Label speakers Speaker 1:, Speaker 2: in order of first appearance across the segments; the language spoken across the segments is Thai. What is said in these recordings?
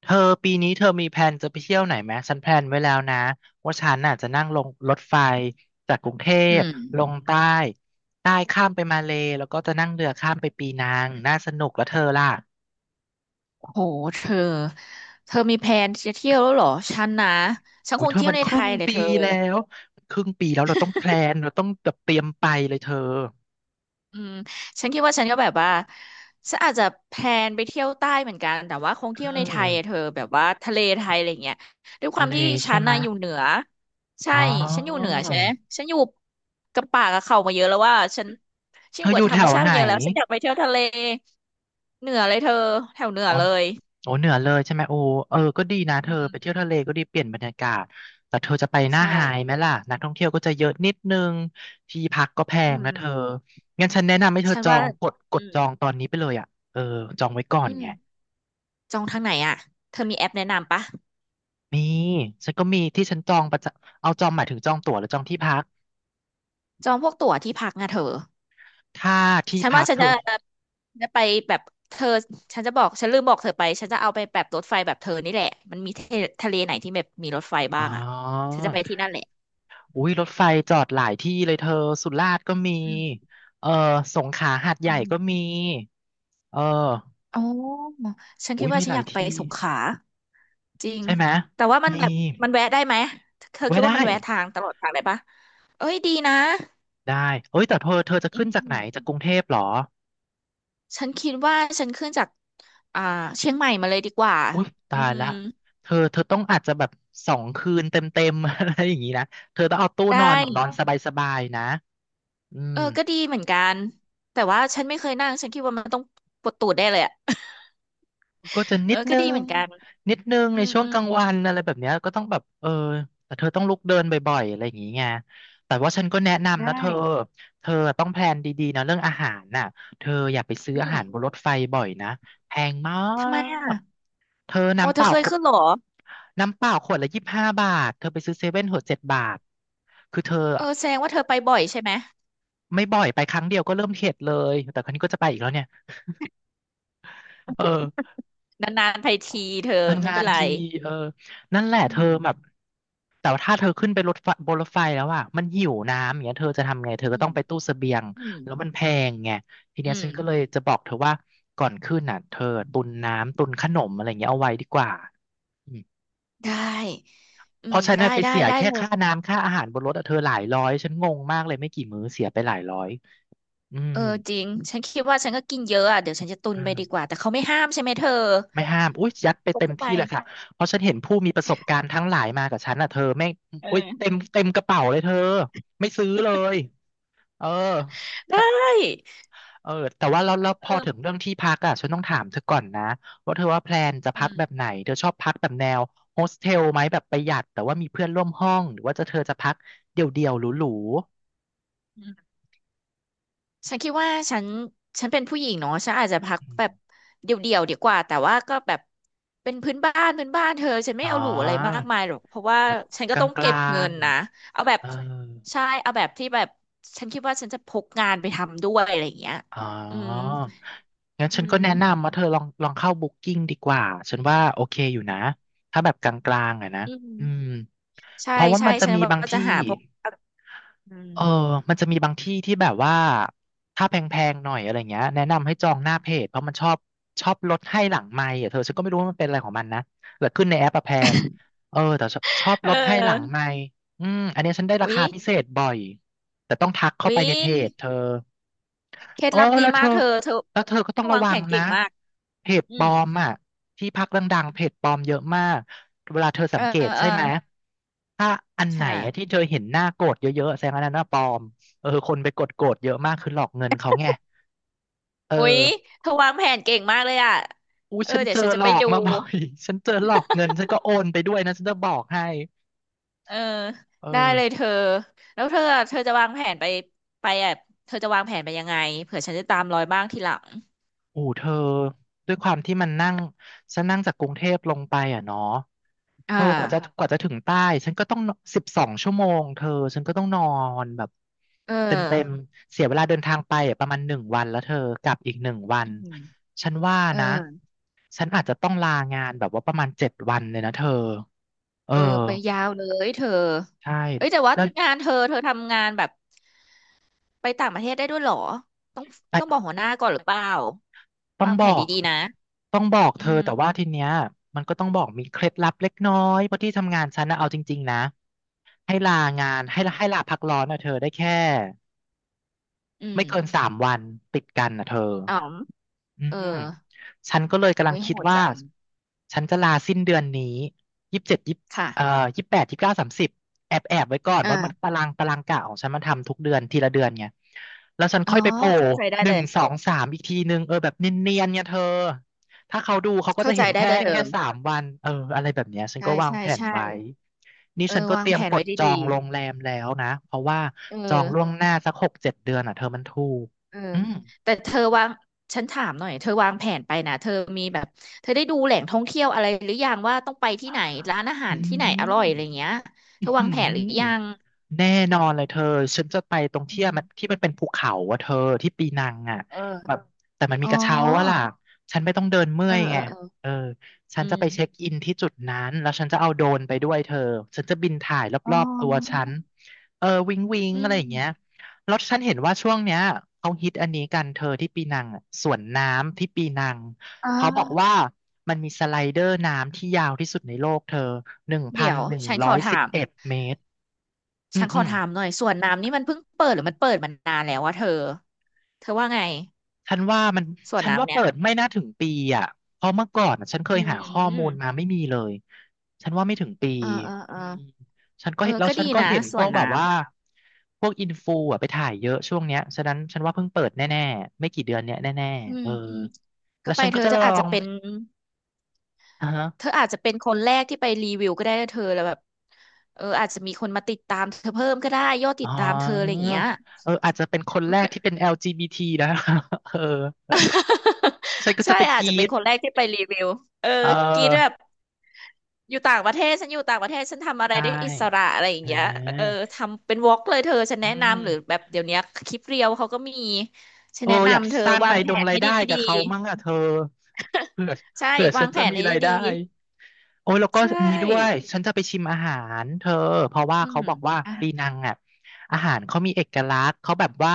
Speaker 1: เธอปีนี้เธอมีแผนจะไปเที่ยวไหนไหมฉันแพลนไว้แล้วนะว่าฉันน่ะจะนั่งลงรถไฟจากกรุงเท
Speaker 2: อื
Speaker 1: พ
Speaker 2: ม
Speaker 1: ลงใต้ใต้ข้ามไปมาเลแล้วก็จะนั่งเรือข้ามไปปีนังน่าสนุกแล้วเธอล่ะ
Speaker 2: โหเธอเธอมีแพลนจะเที่ยวแล้วเหรอฉันนะฉัน
Speaker 1: อุ้
Speaker 2: ค
Speaker 1: ย
Speaker 2: ง
Speaker 1: เธอ
Speaker 2: เที่ย
Speaker 1: มั
Speaker 2: ว
Speaker 1: น
Speaker 2: ใน
Speaker 1: ค
Speaker 2: ไท
Speaker 1: รึ่ง
Speaker 2: ยเลย
Speaker 1: ปี
Speaker 2: เธอ
Speaker 1: แล้วเราต้องแพลนเราต้องแบบเตรียมไปเลยเธอ
Speaker 2: อืมฉันคิดว่าฉันก็แบบว่าฉันอาจจะแพลนไปเที่ยวใต้เหมือนกันแต่ว่าคง
Speaker 1: เอ
Speaker 2: เที่ยวในไทยอะเธ
Speaker 1: อ
Speaker 2: อแบบว่าทะเลไทยอะไรเงี้ยด้วยค
Speaker 1: ทะ
Speaker 2: วาม
Speaker 1: เล
Speaker 2: ที่ฉั
Speaker 1: ใช่
Speaker 2: น
Speaker 1: ไหมะ
Speaker 2: น่ะอยู่เหนือใช่
Speaker 1: อ๋อ
Speaker 2: ฉันอยู่เหนือใช่ไหมฉันอยู่กับป่ากับเขามาเยอะแล้วว่าฉันชิ
Speaker 1: เธ
Speaker 2: นอ
Speaker 1: อ
Speaker 2: ยู่
Speaker 1: อ
Speaker 2: กับ
Speaker 1: ยู่
Speaker 2: ธร
Speaker 1: แถ
Speaker 2: รม
Speaker 1: ว
Speaker 2: ชาติ
Speaker 1: ไหน
Speaker 2: มาเยอะแล้วฉันอยากไปเที่ยวทะเลเหนือเลยเธอแถวเหนือ
Speaker 1: อ๋อ
Speaker 2: เลย
Speaker 1: โอ้เหนือเลยใช่ไหมโอ้เออก็ดีนะเธอไปเที่ยวทะเลก็ดีเปลี่ยนบรรยากาศแต่เธอจะไปหน้า
Speaker 2: ใช่
Speaker 1: ไฮไหมล่ะนักท่องเที่ยวก็จะเยอะนิดนึงที่พักก็แพ
Speaker 2: อื
Speaker 1: ง
Speaker 2: ม
Speaker 1: นะเธองั้นฉันแนะนำให้เธอ
Speaker 2: ฉัน
Speaker 1: จอ
Speaker 2: ว่า
Speaker 1: งกดก
Speaker 2: อื
Speaker 1: ด
Speaker 2: ม
Speaker 1: จองตอนนี้ไปเลยอ่ะเออจองไว้ก่อน
Speaker 2: อืม
Speaker 1: ไง
Speaker 2: จองทางไหนอ่ะเธอมีแอปแนะนำปะ
Speaker 1: มีฉันก็มีที่ฉันจองประจำเอาจองหมายถึงจองตั๋วหรือจองที่พัก
Speaker 2: จองพวกตั๋วที่พักนะเธอ
Speaker 1: ถ้าที่
Speaker 2: ฉัน
Speaker 1: พั
Speaker 2: ว่า
Speaker 1: ก
Speaker 2: ฉัน
Speaker 1: เธ
Speaker 2: จะ
Speaker 1: อ
Speaker 2: จะไปแบบเธอฉันจะบอกฉันลืมบอกเธอไปฉันจะเอาไปแบบรถไฟแบบเธอนี่แหละมันมีทะเลไหนที่แบบมีรถไฟ
Speaker 1: อ๋
Speaker 2: บ้า
Speaker 1: อ
Speaker 2: งอ่ะฉันจะไปที่นั่นแหละ
Speaker 1: อุ้ยรถไฟจอดหลายที่เลยเธอสุราษฎร์ก็มี
Speaker 2: อืม
Speaker 1: เออสงขลาหาดให
Speaker 2: อื
Speaker 1: ญ่ก็มี
Speaker 2: ม
Speaker 1: เออ
Speaker 2: อ๋อฉันคิ
Speaker 1: อุ้
Speaker 2: ด
Speaker 1: ย
Speaker 2: ว่า
Speaker 1: มี
Speaker 2: ฉั
Speaker 1: ห
Speaker 2: น
Speaker 1: ลา
Speaker 2: อ
Speaker 1: ย
Speaker 2: ยากไป
Speaker 1: ที่
Speaker 2: สงขลาจริง
Speaker 1: ใช่ไหม
Speaker 2: แต่ว่ามัน
Speaker 1: มี
Speaker 2: แบบมันแวะได้ไหมเธอ
Speaker 1: ไว้
Speaker 2: คิดว่า
Speaker 1: ได้
Speaker 2: มันแวะทางตลอดทางได้ปะเอ้ยดีนะ
Speaker 1: ได้เอ้ยแต่เธอเธอจะ
Speaker 2: อื
Speaker 1: ขึ้นจากไหน
Speaker 2: ม
Speaker 1: จากกรุงเทพเหรอ
Speaker 2: ฉันคิดว่าฉันขึ้นจากอ่าเชียงใหม่มาเลยดีกว่า
Speaker 1: อุ้ย
Speaker 2: อื
Speaker 1: ตาย
Speaker 2: ม
Speaker 1: ละเธอเธอต้องอาจจะแบบ2 คืนเต็มๆ อะไรอย่างนี้นะเธอต้องเอาตู้นอน
Speaker 2: ได้
Speaker 1: แบบนอนสบายๆนะอื
Speaker 2: เอ
Speaker 1: ม
Speaker 2: อก็ดีเหมือนกันแต่ว่าฉันไม่เคยนั่งฉันคิดว่ามันต้องปวดตูดได้เลยอะ
Speaker 1: ก็จะ
Speaker 2: เอ
Speaker 1: นิ
Speaker 2: อ
Speaker 1: ด
Speaker 2: ก็
Speaker 1: นึ
Speaker 2: ดีเห
Speaker 1: ง
Speaker 2: มือนกัน
Speaker 1: นิดนึง
Speaker 2: อื
Speaker 1: ใน
Speaker 2: ม
Speaker 1: ช่วง
Speaker 2: อื
Speaker 1: ก
Speaker 2: ม
Speaker 1: ลางวันอะไรแบบเนี้ยก็ต้องแบบเออแต่เธอต้องลุกเดินบ่อยๆอะไรอย่างงี้ไงแต่ว่าฉันก็แนะนำนะเธ
Speaker 2: ได้
Speaker 1: อเธอต้องแพลนดีๆนะเรื่องอาหารน่ะเธออย่าไปซื้อ
Speaker 2: อื
Speaker 1: อา
Speaker 2: ม
Speaker 1: หารบนรถไฟบ่อยนะแพงมา
Speaker 2: ทำไมอ่ะ
Speaker 1: กเธอ
Speaker 2: โอ้
Speaker 1: น้ำ
Speaker 2: เธ
Speaker 1: เป
Speaker 2: อ
Speaker 1: ล่า
Speaker 2: เคย
Speaker 1: ขว
Speaker 2: ขึ้
Speaker 1: ด
Speaker 2: นเหรอ
Speaker 1: น้ำเปล่าขวดละ25 บาทเธอไปซื้อเซเว่นขวด7 บาทคือเธอ
Speaker 2: เออแสดงว่าเธอไปบ่อยใช่ไหม
Speaker 1: ไม่บ่อยไปครั้งเดียวก็เริ่มเข็ดเลยแต่ครั้งนี้ก็จะไปอีกแล้วเนี่ยเออ
Speaker 2: นานๆไปทีเธอ
Speaker 1: นาน
Speaker 2: ไม่
Speaker 1: ๆา
Speaker 2: เป็น
Speaker 1: น
Speaker 2: ไร
Speaker 1: ทีเออนั่นแหละ
Speaker 2: อื
Speaker 1: เธอ
Speaker 2: ม
Speaker 1: แบบแต่ว่าถ้าเธอขึ้นไปรถไฟบนรถไฟแล้วอ่ะมันหิวน้ำอย่างเงี้ยเธอจะทำไง เธอ
Speaker 2: อื
Speaker 1: ก็ต้อ
Speaker 2: ม
Speaker 1: งไปตู้เสบียง
Speaker 2: อืม
Speaker 1: แล้วมันแพงไงที
Speaker 2: อื
Speaker 1: เนี้ยฉันก็เล
Speaker 2: ม
Speaker 1: ยจะบอกเธอว่าก่อนขึ้นน่ะเธอตุนน้ำตุนขนมอะไรเงี้ยเอาไว้ดีกว่าอืม
Speaker 2: ได้
Speaker 1: เพราะฉัน
Speaker 2: ได้
Speaker 1: น่ะไป
Speaker 2: ได้
Speaker 1: เสีย
Speaker 2: ได้
Speaker 1: แค่
Speaker 2: เลย
Speaker 1: ค่าน้ำค่าอาหารบนรถอะเธอหลายร้อยฉันงงมากเลยไม่กี่มื้อเสียไปหลายร้อยอื
Speaker 2: เอ
Speaker 1: ม
Speaker 2: อจริงฉันคิดว่าฉันก็กินเยอะอ่ะเดี๋ยวฉันจะตุนไปดีกว่าแต่เขาไม่ห้ามใช่ไหมเธอ
Speaker 1: ไม่ห้ามอุ้ยยัดไป
Speaker 2: พก
Speaker 1: เต็ม
Speaker 2: เข้าไป
Speaker 1: ที่เลยค่ะ เพราะฉันเห็นผู้มีประสบการณ์ทั้งหลายมากับฉันอ่ะเธอไม่ง
Speaker 2: เอ
Speaker 1: อุ้ยเต็ม
Speaker 2: อ
Speaker 1: เต็มกระเป๋าเลยเธอ ไม่ซื้อเลย เออ
Speaker 2: ได้
Speaker 1: สะเออแต่ว่าแล้วพ
Speaker 2: เอ
Speaker 1: อถึง
Speaker 2: อ
Speaker 1: เรื่องที่พักอ่ะฉันต้องถามเธอก่อนนะว่าเธอว่าแพลนจะ
Speaker 2: อื
Speaker 1: พัก
Speaker 2: ม
Speaker 1: แบบไหน เธอชอบพักแบบแนวโฮสเทลไหมแบบประหยัด แต่ว่ามีเพื่อนร่วมห้อง หรือว่าจะเธอจะพักเดี่ยวๆหรู
Speaker 2: อืมฉันคิดว่าฉันเป็นผู้หญิงเนาะฉันอาจจะพั
Speaker 1: ๆ
Speaker 2: ก
Speaker 1: อืม
Speaker 2: แบบเดี่ยวๆดีกว่าแต่ว่าก็แบบเป็นพื้นบ้านพื้นบ้านเธอฉันไม่
Speaker 1: อ๋อ
Speaker 2: เอาหรูอะไรมากมายหรอกเพราะว่า
Speaker 1: แบบ
Speaker 2: ฉัน
Speaker 1: ก
Speaker 2: ก็ต้องเก็
Speaker 1: ลา
Speaker 2: บเงิ
Speaker 1: ง
Speaker 2: นนะเอาแบ
Speaker 1: ๆ
Speaker 2: บ
Speaker 1: เออ
Speaker 2: ใช่เอาแบบที่แบบฉันคิดว่าฉันจะพกงานไปทำด้วยอะไรอย่างเงี้ย
Speaker 1: อ๋อ
Speaker 2: อืม
Speaker 1: งั้น
Speaker 2: อื
Speaker 1: ฉันก็แนะ
Speaker 2: ม
Speaker 1: นำว่าเธอลองเข้าBookingดีกว่า ฉันว่าโอเคอยู่นะ ถ้าแบบกลางๆอะนะ
Speaker 2: อื
Speaker 1: อืม
Speaker 2: มใช่
Speaker 1: เพราะว่า
Speaker 2: ใช่
Speaker 1: มันจะ
Speaker 2: ฉัน
Speaker 1: มีบาง
Speaker 2: ว่าจะ
Speaker 1: ที่
Speaker 2: หาพวก อื
Speaker 1: เออ
Speaker 2: ม
Speaker 1: มันจะมีบางที่ที่แบบว่า ถ้าแพงๆหน่อยอะไรเงี้ยแนะนำให้จองหน้าเพจ เพราะมันชอบลดให้หลังไมค์อ่ะเธอฉันก็ไม่รู้ว่ามันเป็นอะไรของมันนะแล้วขึ้นในแอปอะแพงเออแต่ชอบ
Speaker 2: เ
Speaker 1: ลดให้หลัง
Speaker 2: ออ
Speaker 1: ไมค์อืมอันเนี้ยฉันได้รา
Speaker 2: อุ๊ย
Speaker 1: คาพิเศษบ่อยแต่ต้องทักเข้า
Speaker 2: อุ๊ย
Speaker 1: ไปในเพจเธอ
Speaker 2: เคล็ด
Speaker 1: เออ
Speaker 2: ลับดี
Speaker 1: แล้วเธ
Speaker 2: มาก
Speaker 1: อ
Speaker 2: เธอ
Speaker 1: แล้วเธอก็ต้องระ
Speaker 2: วาง
Speaker 1: วั
Speaker 2: แผ
Speaker 1: ง
Speaker 2: น
Speaker 1: นะ
Speaker 2: เก่งมาก
Speaker 1: เพจ
Speaker 2: อื
Speaker 1: ปลอ
Speaker 2: ม
Speaker 1: มอ่ะที่พักดังๆเพจปลอมเยอะมาก เวลาเธอ
Speaker 2: เอ
Speaker 1: สั
Speaker 2: อ
Speaker 1: งเก
Speaker 2: เออ
Speaker 1: ต
Speaker 2: เอ
Speaker 1: ใช่
Speaker 2: อ
Speaker 1: ไหม ถ้าอันไหน
Speaker 2: ใช่
Speaker 1: อะที่เธอเห็นหน้าโกรธเยอะๆแสดงว่าอันนั้นน่ะปลอมเออคนไปกดโกรธเยอะมากคือหลอกเงินเขาไงเอ
Speaker 2: อุ๊ย
Speaker 1: อ
Speaker 2: เธอวางแผนเก่งมากเลยอ่ะ
Speaker 1: อู้
Speaker 2: เออ
Speaker 1: ฉัน
Speaker 2: เดี๋ย
Speaker 1: เจ
Speaker 2: ว
Speaker 1: อ
Speaker 2: ฉันจะ
Speaker 1: หล
Speaker 2: ไป
Speaker 1: อก
Speaker 2: ดู
Speaker 1: มาบ่อย ฉันเจอหลอกเงินฉันก็โอนไปด้วยนะฉันจะบอกให้
Speaker 2: เออ
Speaker 1: เอ
Speaker 2: ได้เลย
Speaker 1: อ
Speaker 2: เธอแล้วเธอจะวางแผนไปไปอ่ะเธอจะวางแผนไปยังไงเผื่อฉันจะตามรอยบ้างทีหลัง
Speaker 1: อู้เธอด้วยความที่มันนั่ง ฉันนั่งจากกรุงเทพลงไปอ่ะเนาะ เธ
Speaker 2: อ่า
Speaker 1: อกว่าจะถึงใต้ฉันก็ต้อง12 ชั่วโมงเธอฉันก็ต้องนอนแบบ
Speaker 2: เอ
Speaker 1: เต็มเต็มม
Speaker 2: อ
Speaker 1: เสียเวลาเดินทางไปอะประมาณหนึ่งวันแล้วเธอกลับอีกหนึ่งวัน
Speaker 2: อืม
Speaker 1: ฉันว่า
Speaker 2: เออ
Speaker 1: นะฉันอาจจะต้องลางานแบบว่าประมาณ7 วันเลยนะเธอเออ
Speaker 2: เออไปยาวเลยเธอ
Speaker 1: ใช่
Speaker 2: เอ้ยแต่ว่า
Speaker 1: แล้ว
Speaker 2: งานเธอทำงานแบบไปต่างประเทศได้ด้วยเหรอ
Speaker 1: ไอ
Speaker 2: ต้องบอก
Speaker 1: ้
Speaker 2: หัวหน้าก่อนหรือเปล่า
Speaker 1: ต้อง
Speaker 2: วาง
Speaker 1: บ
Speaker 2: แผ
Speaker 1: อ
Speaker 2: น
Speaker 1: ก
Speaker 2: ดีๆนะ
Speaker 1: ต้องบอก
Speaker 2: อื
Speaker 1: เธอ
Speaker 2: ม
Speaker 1: แต่ว่าทีเนี้ยมันก็ต้องบอกมีเคล็ดลับเล็กน้อยเพราะที่ทำงานฉันนะเอาจริงๆนะให้ลางานให้
Speaker 2: อืม
Speaker 1: ให้ลาพักร้อนนะเธอได้แค่
Speaker 2: อืม
Speaker 1: ไม่เกิน3 วันติดกันนะเธอ
Speaker 2: อ๋อม
Speaker 1: อื
Speaker 2: เออ
Speaker 1: มฉันก็เลยกำลั
Speaker 2: โอ้
Speaker 1: ง
Speaker 2: ยโห
Speaker 1: คิด
Speaker 2: ด
Speaker 1: ว่า
Speaker 2: จัง
Speaker 1: ฉันจะลาสิ้นเดือนนี้27ยี่
Speaker 2: ค่ะ
Speaker 1: เอ่อ28 29 30แอบไว้ก่อนเพราะมัน
Speaker 2: อ่า
Speaker 1: ตารางกะของฉันมันทำทุกเดือนทีละเดือนไงแล้วฉัน
Speaker 2: อ๋อ
Speaker 1: ค่อยไปโผล่
Speaker 2: เข้าใจได้
Speaker 1: ห
Speaker 2: เล
Speaker 1: นึ่ง
Speaker 2: ย
Speaker 1: สองสามอีกทีนึงเออแบบเนียนๆเนี่ยเธอถ้าเขาดูเขาก็
Speaker 2: เข้า
Speaker 1: จะ
Speaker 2: ใจ
Speaker 1: เห็น
Speaker 2: ได้
Speaker 1: แค่
Speaker 2: เลยเธ
Speaker 1: แค่
Speaker 2: อ
Speaker 1: 3 วันเอออะไรแบบเนี้ยฉัน
Speaker 2: ใช่
Speaker 1: ก็วาง
Speaker 2: ใช่
Speaker 1: แผน
Speaker 2: ใช่
Speaker 1: ไว้นี่
Speaker 2: เออ
Speaker 1: ฉันก็
Speaker 2: วา
Speaker 1: เต
Speaker 2: ง
Speaker 1: รีย
Speaker 2: แผ
Speaker 1: ม
Speaker 2: น
Speaker 1: ก
Speaker 2: ไว้
Speaker 1: ดจอ
Speaker 2: ดี
Speaker 1: งโรงแรมแล้วนะเพราะว่า
Speaker 2: ๆเอ
Speaker 1: จอง
Speaker 2: อ
Speaker 1: ล่วงหน้าสัก6 7 เดือนอ่ะเธอมันถูก
Speaker 2: เออ
Speaker 1: อืม
Speaker 2: แต่เธอวางฉันถามหน่อยเธอวางแผนไปนะเธอมีแบบเธอได้ดูแหล่งท่องเที่ยวอะไรหรือยังว่าต้องไปที่ไหนร้านอาหา
Speaker 1: อื
Speaker 2: รที่ไหนอร่อยอะไร
Speaker 1: ม
Speaker 2: เงี้ยเธ
Speaker 1: อื้อ
Speaker 2: อ
Speaker 1: หื
Speaker 2: วาง
Speaker 1: อ
Speaker 2: แผนหรือยัง
Speaker 1: แน่นอนเลยเธอ ฉันจะไปตรง
Speaker 2: อื
Speaker 1: ที่
Speaker 2: ม
Speaker 1: มันที่มันเป็นภูเขาอะเธอที่ปีนังอะแบ
Speaker 2: เออ
Speaker 1: บแต่มันมี
Speaker 2: อ๋อ
Speaker 1: กระเช้าว่าล่ะฉันไม่ต้องเดินเมื่
Speaker 2: เอ
Speaker 1: อ
Speaker 2: อ
Speaker 1: ย
Speaker 2: เอ
Speaker 1: ไง
Speaker 2: อเออ
Speaker 1: เออฉั
Speaker 2: อื
Speaker 1: นจะไปเช็ค
Speaker 2: ม
Speaker 1: อินที่จุดนั้นแล้วฉันจะเอาโดรนไปด้วยเธอ ฉันจะบินถ่ายร
Speaker 2: อ๋
Speaker 1: อบๆตัว
Speaker 2: อ
Speaker 1: ฉันเออวิงวิง
Speaker 2: อื
Speaker 1: อะไร
Speaker 2: ม
Speaker 1: อย่างเงี้ยแล้วฉันเห็นว่าช่วงเนี้ยเขาฮิตอันนี้กันเธอที่ปีนังอะสวนน้ำที่ปีนัง
Speaker 2: อ่
Speaker 1: เขาบอก
Speaker 2: า
Speaker 1: ว่ามันมีสไลเดอร์น้ำที่ยาวที่สุดในโลกเธอหนึ่งพั
Speaker 2: เดี๋
Speaker 1: น
Speaker 2: ยว
Speaker 1: หนึ่งร้อยสิบเอ็ดเมตรอื
Speaker 2: ฉัน
Speaker 1: ม
Speaker 2: ข
Speaker 1: อื
Speaker 2: อ
Speaker 1: ม
Speaker 2: ถามหน่อยสวนน้ำนี่มันเพิ่งเปิดหรือมันเปิดมานานแล้ววะเธอ เธอว่าไง
Speaker 1: ฉันว่ามัน
Speaker 2: สวน
Speaker 1: ฉันว่า
Speaker 2: น้ำเนี่
Speaker 1: เปิ
Speaker 2: ย
Speaker 1: ดไม่น่าถึงปีอ่ะเพราะเมื่อก่อนอะฉันเค
Speaker 2: อื
Speaker 1: ยหาข้อมูล
Speaker 2: ม
Speaker 1: มาไม่มีเลยฉันว่าไม่ถึงปี
Speaker 2: เออเออเอ
Speaker 1: อื
Speaker 2: อ
Speaker 1: มฉันก็
Speaker 2: เออ
Speaker 1: เห็นแล้ว
Speaker 2: ก็
Speaker 1: ฉั
Speaker 2: ดี
Speaker 1: นก็
Speaker 2: นะ
Speaker 1: เห็น
Speaker 2: ส
Speaker 1: พ
Speaker 2: ว
Speaker 1: วก
Speaker 2: น
Speaker 1: แบ
Speaker 2: น้
Speaker 1: บว่าพวกอินฟูอ่ะไปถ่ายเยอะช่วงเนี้ยฉะนั้นฉันว่าเพิ่งเปิดแน่ๆไม่กี่เดือนเนี้ยแน่
Speaker 2: ำ
Speaker 1: ๆเออแล้
Speaker 2: ก็
Speaker 1: ว
Speaker 2: ไป
Speaker 1: ฉัน
Speaker 2: เธ
Speaker 1: ก็
Speaker 2: อ
Speaker 1: จะ
Speaker 2: เธ
Speaker 1: ล
Speaker 2: อ
Speaker 1: อ
Speaker 2: อาจจะ
Speaker 1: ง
Speaker 2: เป็น
Speaker 1: อ่าฮะ
Speaker 2: เธออาจจะเป็นคนแรกที่ไปรีวิวก็ได้นะเธอแล้วแบบเอออาจจะมีคนมาติดตามเธอเพิ่มก็ได้ยอดติ
Speaker 1: อ๋
Speaker 2: ด
Speaker 1: อ
Speaker 2: ตามเธออะไรอย่างเงี้ย
Speaker 1: เอออาจจะเป็นคนแรกที่เป็น LGBT นะ เออ ฉันก็
Speaker 2: ใช่
Speaker 1: จะไป
Speaker 2: อา
Speaker 1: ก
Speaker 2: จจะ
Speaker 1: รี
Speaker 2: เป็น
Speaker 1: ด
Speaker 2: คนแรกที่ไปรีวิวเออ
Speaker 1: เ
Speaker 2: กินแบบ
Speaker 1: ออ
Speaker 2: อยู่ต่างประเทศฉันอยู่ต่างประเทศฉันทำอะไร
Speaker 1: ใช่
Speaker 2: ได้อิสระอะไรอย่าง
Speaker 1: อ่
Speaker 2: เงี้ยเออ
Speaker 1: า
Speaker 2: ทำเป็นวอล์กเลยเธอฉัน
Speaker 1: อื
Speaker 2: แนะนำหรือ
Speaker 1: ม
Speaker 2: แบบเดี๋ยวเนี้ยคลิปเรียวเขาก็มีฉัน
Speaker 1: โอ้
Speaker 2: แนะ
Speaker 1: อยาก
Speaker 2: นำเธอ
Speaker 1: สร้าง
Speaker 2: วา
Speaker 1: รา
Speaker 2: ง
Speaker 1: ย
Speaker 2: แผ
Speaker 1: ดง
Speaker 2: น
Speaker 1: ราย
Speaker 2: ให้
Speaker 1: ได้กั
Speaker 2: ดี
Speaker 1: บเขามั่งอ่ะเธอเผื่อ
Speaker 2: ๆใช่
Speaker 1: เผื่อฉั
Speaker 2: วา
Speaker 1: น
Speaker 2: งแผ
Speaker 1: จะ
Speaker 2: น
Speaker 1: มี
Speaker 2: ให้
Speaker 1: ราย
Speaker 2: ดี
Speaker 1: ได้โอ้ยแล้ว
Speaker 2: ๆ
Speaker 1: ก็
Speaker 2: ใช่
Speaker 1: อันนี้ด้วยฉันจะไปชิมอาหารเธอเพราะว่า
Speaker 2: อื
Speaker 1: เขา
Speaker 2: ม
Speaker 1: บอกว่า
Speaker 2: อ่ะ
Speaker 1: ปีนังอ่ะอาหารเขามีเอกลักษณ์เขาแบบว่า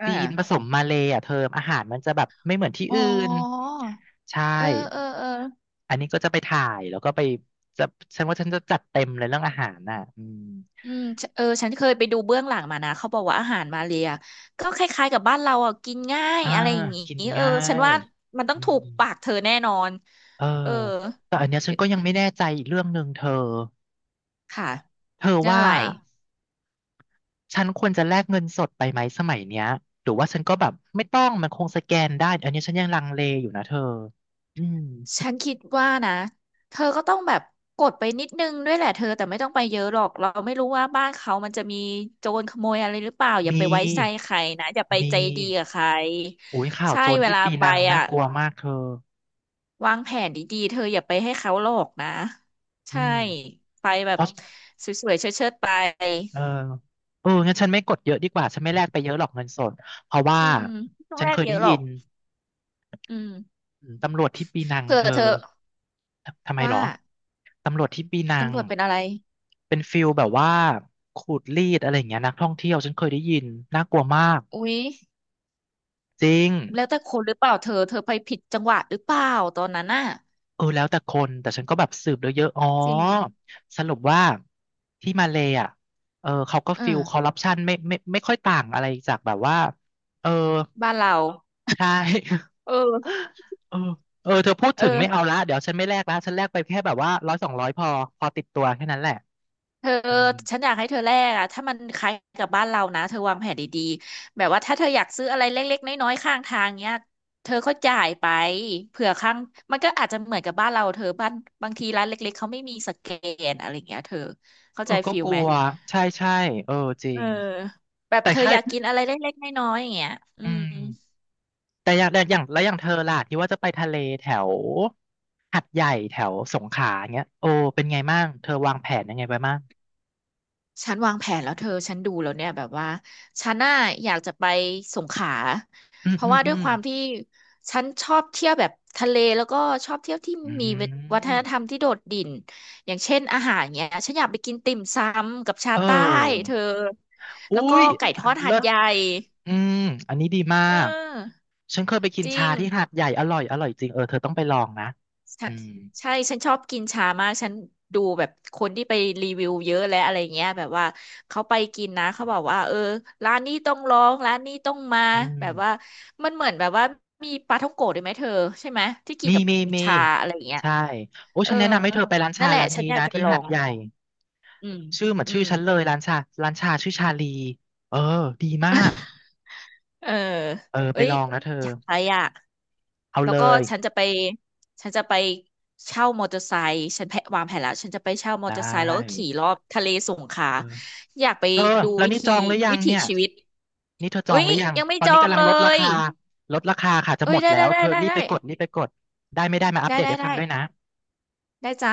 Speaker 2: อ่า
Speaker 1: จีนผสมมาเลย์อ่ะเธออาหารมันจะแบบไม่เหมือนที่
Speaker 2: อ๋อ
Speaker 1: อื่นใช่
Speaker 2: เออเออเออ
Speaker 1: อันนี้ก็จะไปถ่ายแล้วก็ไปจะฉันว่าฉันจะจัดเต็มเลยเรื่องอาหารน่ะอืม
Speaker 2: อืมฉเออฉันเคยไปดูเบื้องหลังมานะเขาบอกว่าอาหารมาเลียก็คล้ายๆกับบ้านเราอ่ะกินง่าย
Speaker 1: อ่า
Speaker 2: อะไรอย่างงี้
Speaker 1: กิน
Speaker 2: เออ
Speaker 1: ง่า
Speaker 2: ฉัน
Speaker 1: ย
Speaker 2: ว่ามันต้อ
Speaker 1: อื
Speaker 2: งถูก
Speaker 1: ม
Speaker 2: ปากเธอแน่นอน
Speaker 1: เออ
Speaker 2: เออ
Speaker 1: แต่อันเนี้ยฉันก็ยังไม่แน่ใจอีกเรื่องหนึ่งเธอ
Speaker 2: ค่ะ
Speaker 1: เธอ
Speaker 2: เรื่อง
Speaker 1: ว่า
Speaker 2: อะไร
Speaker 1: ฉันควรจะแลกเงินสดไปไหมสมัยเนี้ยหรือว่าฉันก็แบบไม่ต้องมันคงสแกนได้อันเนี้ยฉันยังลังเลอยู่นะเธออืม
Speaker 2: ฉันคิดว่านะเธอก็ต้องแบบกดไปนิดนึงด้วยแหละเธอแต่ไม่ต้องไปเยอะหรอกเราไม่รู้ว่าบ้านเขามันจะมีโจรขโมยอะไรหรือเปล่าอย่า
Speaker 1: มี
Speaker 2: ไปไว้ใจใครนะอย่าไป
Speaker 1: มี
Speaker 2: ใจดีกับใคร
Speaker 1: โอ้ยข่าว
Speaker 2: ใช่
Speaker 1: โจร
Speaker 2: เว
Speaker 1: ที่
Speaker 2: ลา
Speaker 1: ปี
Speaker 2: ไป
Speaker 1: นังน่า
Speaker 2: อ่ะ
Speaker 1: กลัวมากเธอ
Speaker 2: วางแผนดีๆ เธออย่าไปให้เขาหลอกนะ
Speaker 1: อื
Speaker 2: ใช่
Speaker 1: ม
Speaker 2: ไปแบ
Speaker 1: เพ
Speaker 2: บ
Speaker 1: ราะ
Speaker 2: สวยๆเชิดๆไป
Speaker 1: เออเอองั้นฉันไม่กดเยอะดีกว่าฉันไม่แลกไปเยอะหรอกเงินสดเพราะว่า
Speaker 2: อืมช้วง
Speaker 1: ฉัน
Speaker 2: แร
Speaker 1: เค
Speaker 2: ก
Speaker 1: ย
Speaker 2: เย
Speaker 1: ได้
Speaker 2: อะหร
Speaker 1: ยิ
Speaker 2: อก
Speaker 1: น
Speaker 2: อืม
Speaker 1: อืมตำรวจที่ปีนัง
Speaker 2: เผื่อ
Speaker 1: เธ
Speaker 2: เธ
Speaker 1: อ
Speaker 2: อ
Speaker 1: ทำไมเหร
Speaker 2: ว่า
Speaker 1: อตำรวจที่ปีนัง
Speaker 2: ตำรวจเป็นอะไร
Speaker 1: เป็นฟิลแบบว่าขูดรีดอะไรอย่างเงี้ยนักท่องเที่ยวฉันเคยได้ยินน่ากลัวมาก
Speaker 2: อุ๊ย
Speaker 1: จริง
Speaker 2: แล้วแต่คนหรือเปล่าเธอไปผิดจังหวะหรือเปล่าตอนนั้นน่ะ
Speaker 1: เออแล้วแต่คนแต่ฉันก็แบบสืบเยอะๆอ๋อ
Speaker 2: จริง
Speaker 1: สรุปว่าที่มาเลย์อ่ะเออเขาก็
Speaker 2: เออ
Speaker 1: ฟิลคอร์รัปชันไม่ค่อยต่างอะไรจากแบบว่าเออ
Speaker 2: บ้านเรา
Speaker 1: ใช่
Speaker 2: เออ
Speaker 1: เออเออเธอพูด
Speaker 2: เออ
Speaker 1: ถึงไม่เอาละเดี๋ยวฉันไม่แลกละฉันแลกไปแค่แบบว่า100 200พอพอติดตัวแค่นั้นแหละ
Speaker 2: เธอ
Speaker 1: อืม
Speaker 2: ฉันอยากให้เธอแลกอะถ้ามันคล้ายกับบ้านเรานะเธอวางแผนดีๆแบบว่าถ้าเธออยากซื้ออะไรเล็กๆน้อยๆข้างทางเนี้ยเธอก็จ่ายไปเผื่อข้างมันก็อาจจะเหมือนกับบ้านเราเธอบ้านบางทีร้านเล็กๆเขาไม่มีสแกนอะไรอย่างเงี้ยเธอเข้า
Speaker 1: เอ
Speaker 2: ใจ
Speaker 1: อก็
Speaker 2: ฟิล
Speaker 1: กลั
Speaker 2: ไหม
Speaker 1: ว ใช่ใช่เออจริ
Speaker 2: เออ
Speaker 1: ง
Speaker 2: แบบ
Speaker 1: แต่
Speaker 2: เธอ
Speaker 1: ค่า
Speaker 2: อยากกินอะไรเล็กๆน้อยๆอย่างเงี้ยอื
Speaker 1: อื
Speaker 2: ม
Speaker 1: มแต่อย่างแล้วอย่างเธอล่ะที่ว่าจะไปทะเลแถวหัดใหญ่แถวสงขลาเงี้ยโอ้เป็นไงบ้างเธอวางแผนยังไงไปบ้าง
Speaker 2: ฉันวางแผนแล้วเธอฉันดูแล้วเนี่ยแบบว่าฉันน่าอยากจะไปสงขลา
Speaker 1: อืม
Speaker 2: เพ
Speaker 1: อื
Speaker 2: ราะ
Speaker 1: ม
Speaker 2: ว่า
Speaker 1: อื
Speaker 2: ด้วย
Speaker 1: ม
Speaker 2: ความที่ฉันชอบเที่ยวแบบทะเลแล้วก็ชอบเที่ยวที่
Speaker 1: อื
Speaker 2: มีวัฒนธร
Speaker 1: ม
Speaker 2: รมที่โดดดิ่นอย่างเช่นอาหารเนี้ยฉันอยากไปกินติ่มซำกับชา
Speaker 1: เ
Speaker 2: ใต้
Speaker 1: ออ
Speaker 2: เธอ
Speaker 1: อุ้
Speaker 2: แล้วก็
Speaker 1: ย
Speaker 2: ไก่ทอดหา
Speaker 1: เลิ
Speaker 2: ด
Speaker 1: ศ
Speaker 2: ใหญ่
Speaker 1: อืมอันนี้ดีมา
Speaker 2: เ
Speaker 1: ก
Speaker 2: ออ
Speaker 1: ฉันเคยไปกิน
Speaker 2: จริ
Speaker 1: ชา
Speaker 2: ง
Speaker 1: ที่หาดใหญ่อร่อยอร่อยจริงเออเธอต้องไปลองนะ
Speaker 2: ฉั
Speaker 1: อื
Speaker 2: น
Speaker 1: ม
Speaker 2: ใช่ ฉันชอบกินชามาก ฉันดูแบบคนที่ไปรีวิวเยอะและอะไรเงี้ยแบบว่าเขาไปกินนะเขาบอกว่าเออร้านนี้ต้องลองร้านนี้ต้องมา
Speaker 1: อื
Speaker 2: แบ
Speaker 1: ม
Speaker 2: บว่ามันเหมือนแบบว่ามีปลาท่องโกะด้วยไหมเธอใช่ไหมที่กิน
Speaker 1: มี
Speaker 2: กับ
Speaker 1: มีมี
Speaker 2: ชาอะไรเงี้ย
Speaker 1: ใช่โอ้
Speaker 2: เออ
Speaker 1: ฉันแนะนำให้เธอไปร้าน
Speaker 2: นั่
Speaker 1: ชา
Speaker 2: นแหละ
Speaker 1: ร้าน
Speaker 2: ฉัน
Speaker 1: นี้
Speaker 2: อยาก
Speaker 1: นะ
Speaker 2: จะไป
Speaker 1: ที่
Speaker 2: ลอ
Speaker 1: หาด
Speaker 2: ง
Speaker 1: ใหญ่
Speaker 2: อืม
Speaker 1: ชื่อเหมือน
Speaker 2: อื
Speaker 1: ชื่อ
Speaker 2: ม
Speaker 1: ฉันเลยร้านชาร้านชาชื่อชาลีเออดีมาก
Speaker 2: เออ
Speaker 1: เออไป
Speaker 2: เอ้ย
Speaker 1: ลองนะเธอ
Speaker 2: อยากไปอ่ะ
Speaker 1: เอา
Speaker 2: แล้
Speaker 1: เล
Speaker 2: วก็
Speaker 1: ย
Speaker 2: ฉันจะไป ฉันจะไปเช่ามอเตอร์ไซค์ฉันแพะวางแผนแล้วฉันจะไปเช่ามอ
Speaker 1: ได
Speaker 2: เตอร์ไซค์แล้วก็
Speaker 1: ้
Speaker 2: ขี่รอบทะเลสงขลา
Speaker 1: เออ
Speaker 2: อยากไป
Speaker 1: เธอ
Speaker 2: ดู
Speaker 1: แล้วนี่จองหรือยั
Speaker 2: วิ
Speaker 1: ง
Speaker 2: ถี
Speaker 1: เนี่ย
Speaker 2: ชีวิต
Speaker 1: นี่เธอจ
Speaker 2: เอ้
Speaker 1: องห
Speaker 2: ย
Speaker 1: รือยัง
Speaker 2: ยังไม่
Speaker 1: ตอน
Speaker 2: จอ
Speaker 1: นี้
Speaker 2: ง
Speaker 1: กำลั
Speaker 2: เล
Speaker 1: งลดรา
Speaker 2: ย
Speaker 1: คาลดราคาค่ะจะ
Speaker 2: เอ้
Speaker 1: หม
Speaker 2: ย
Speaker 1: ด
Speaker 2: ได้
Speaker 1: แล้
Speaker 2: ได้
Speaker 1: ว
Speaker 2: ได้
Speaker 1: เธอ
Speaker 2: ได้
Speaker 1: รีบ
Speaker 2: ได้
Speaker 1: ไปกดรีบไปกดได้ไม่ได้มาอัป
Speaker 2: ได้
Speaker 1: เดต
Speaker 2: ได้
Speaker 1: ให้ฟัง
Speaker 2: ได้
Speaker 1: ด้วยนะ
Speaker 2: ได้จ้า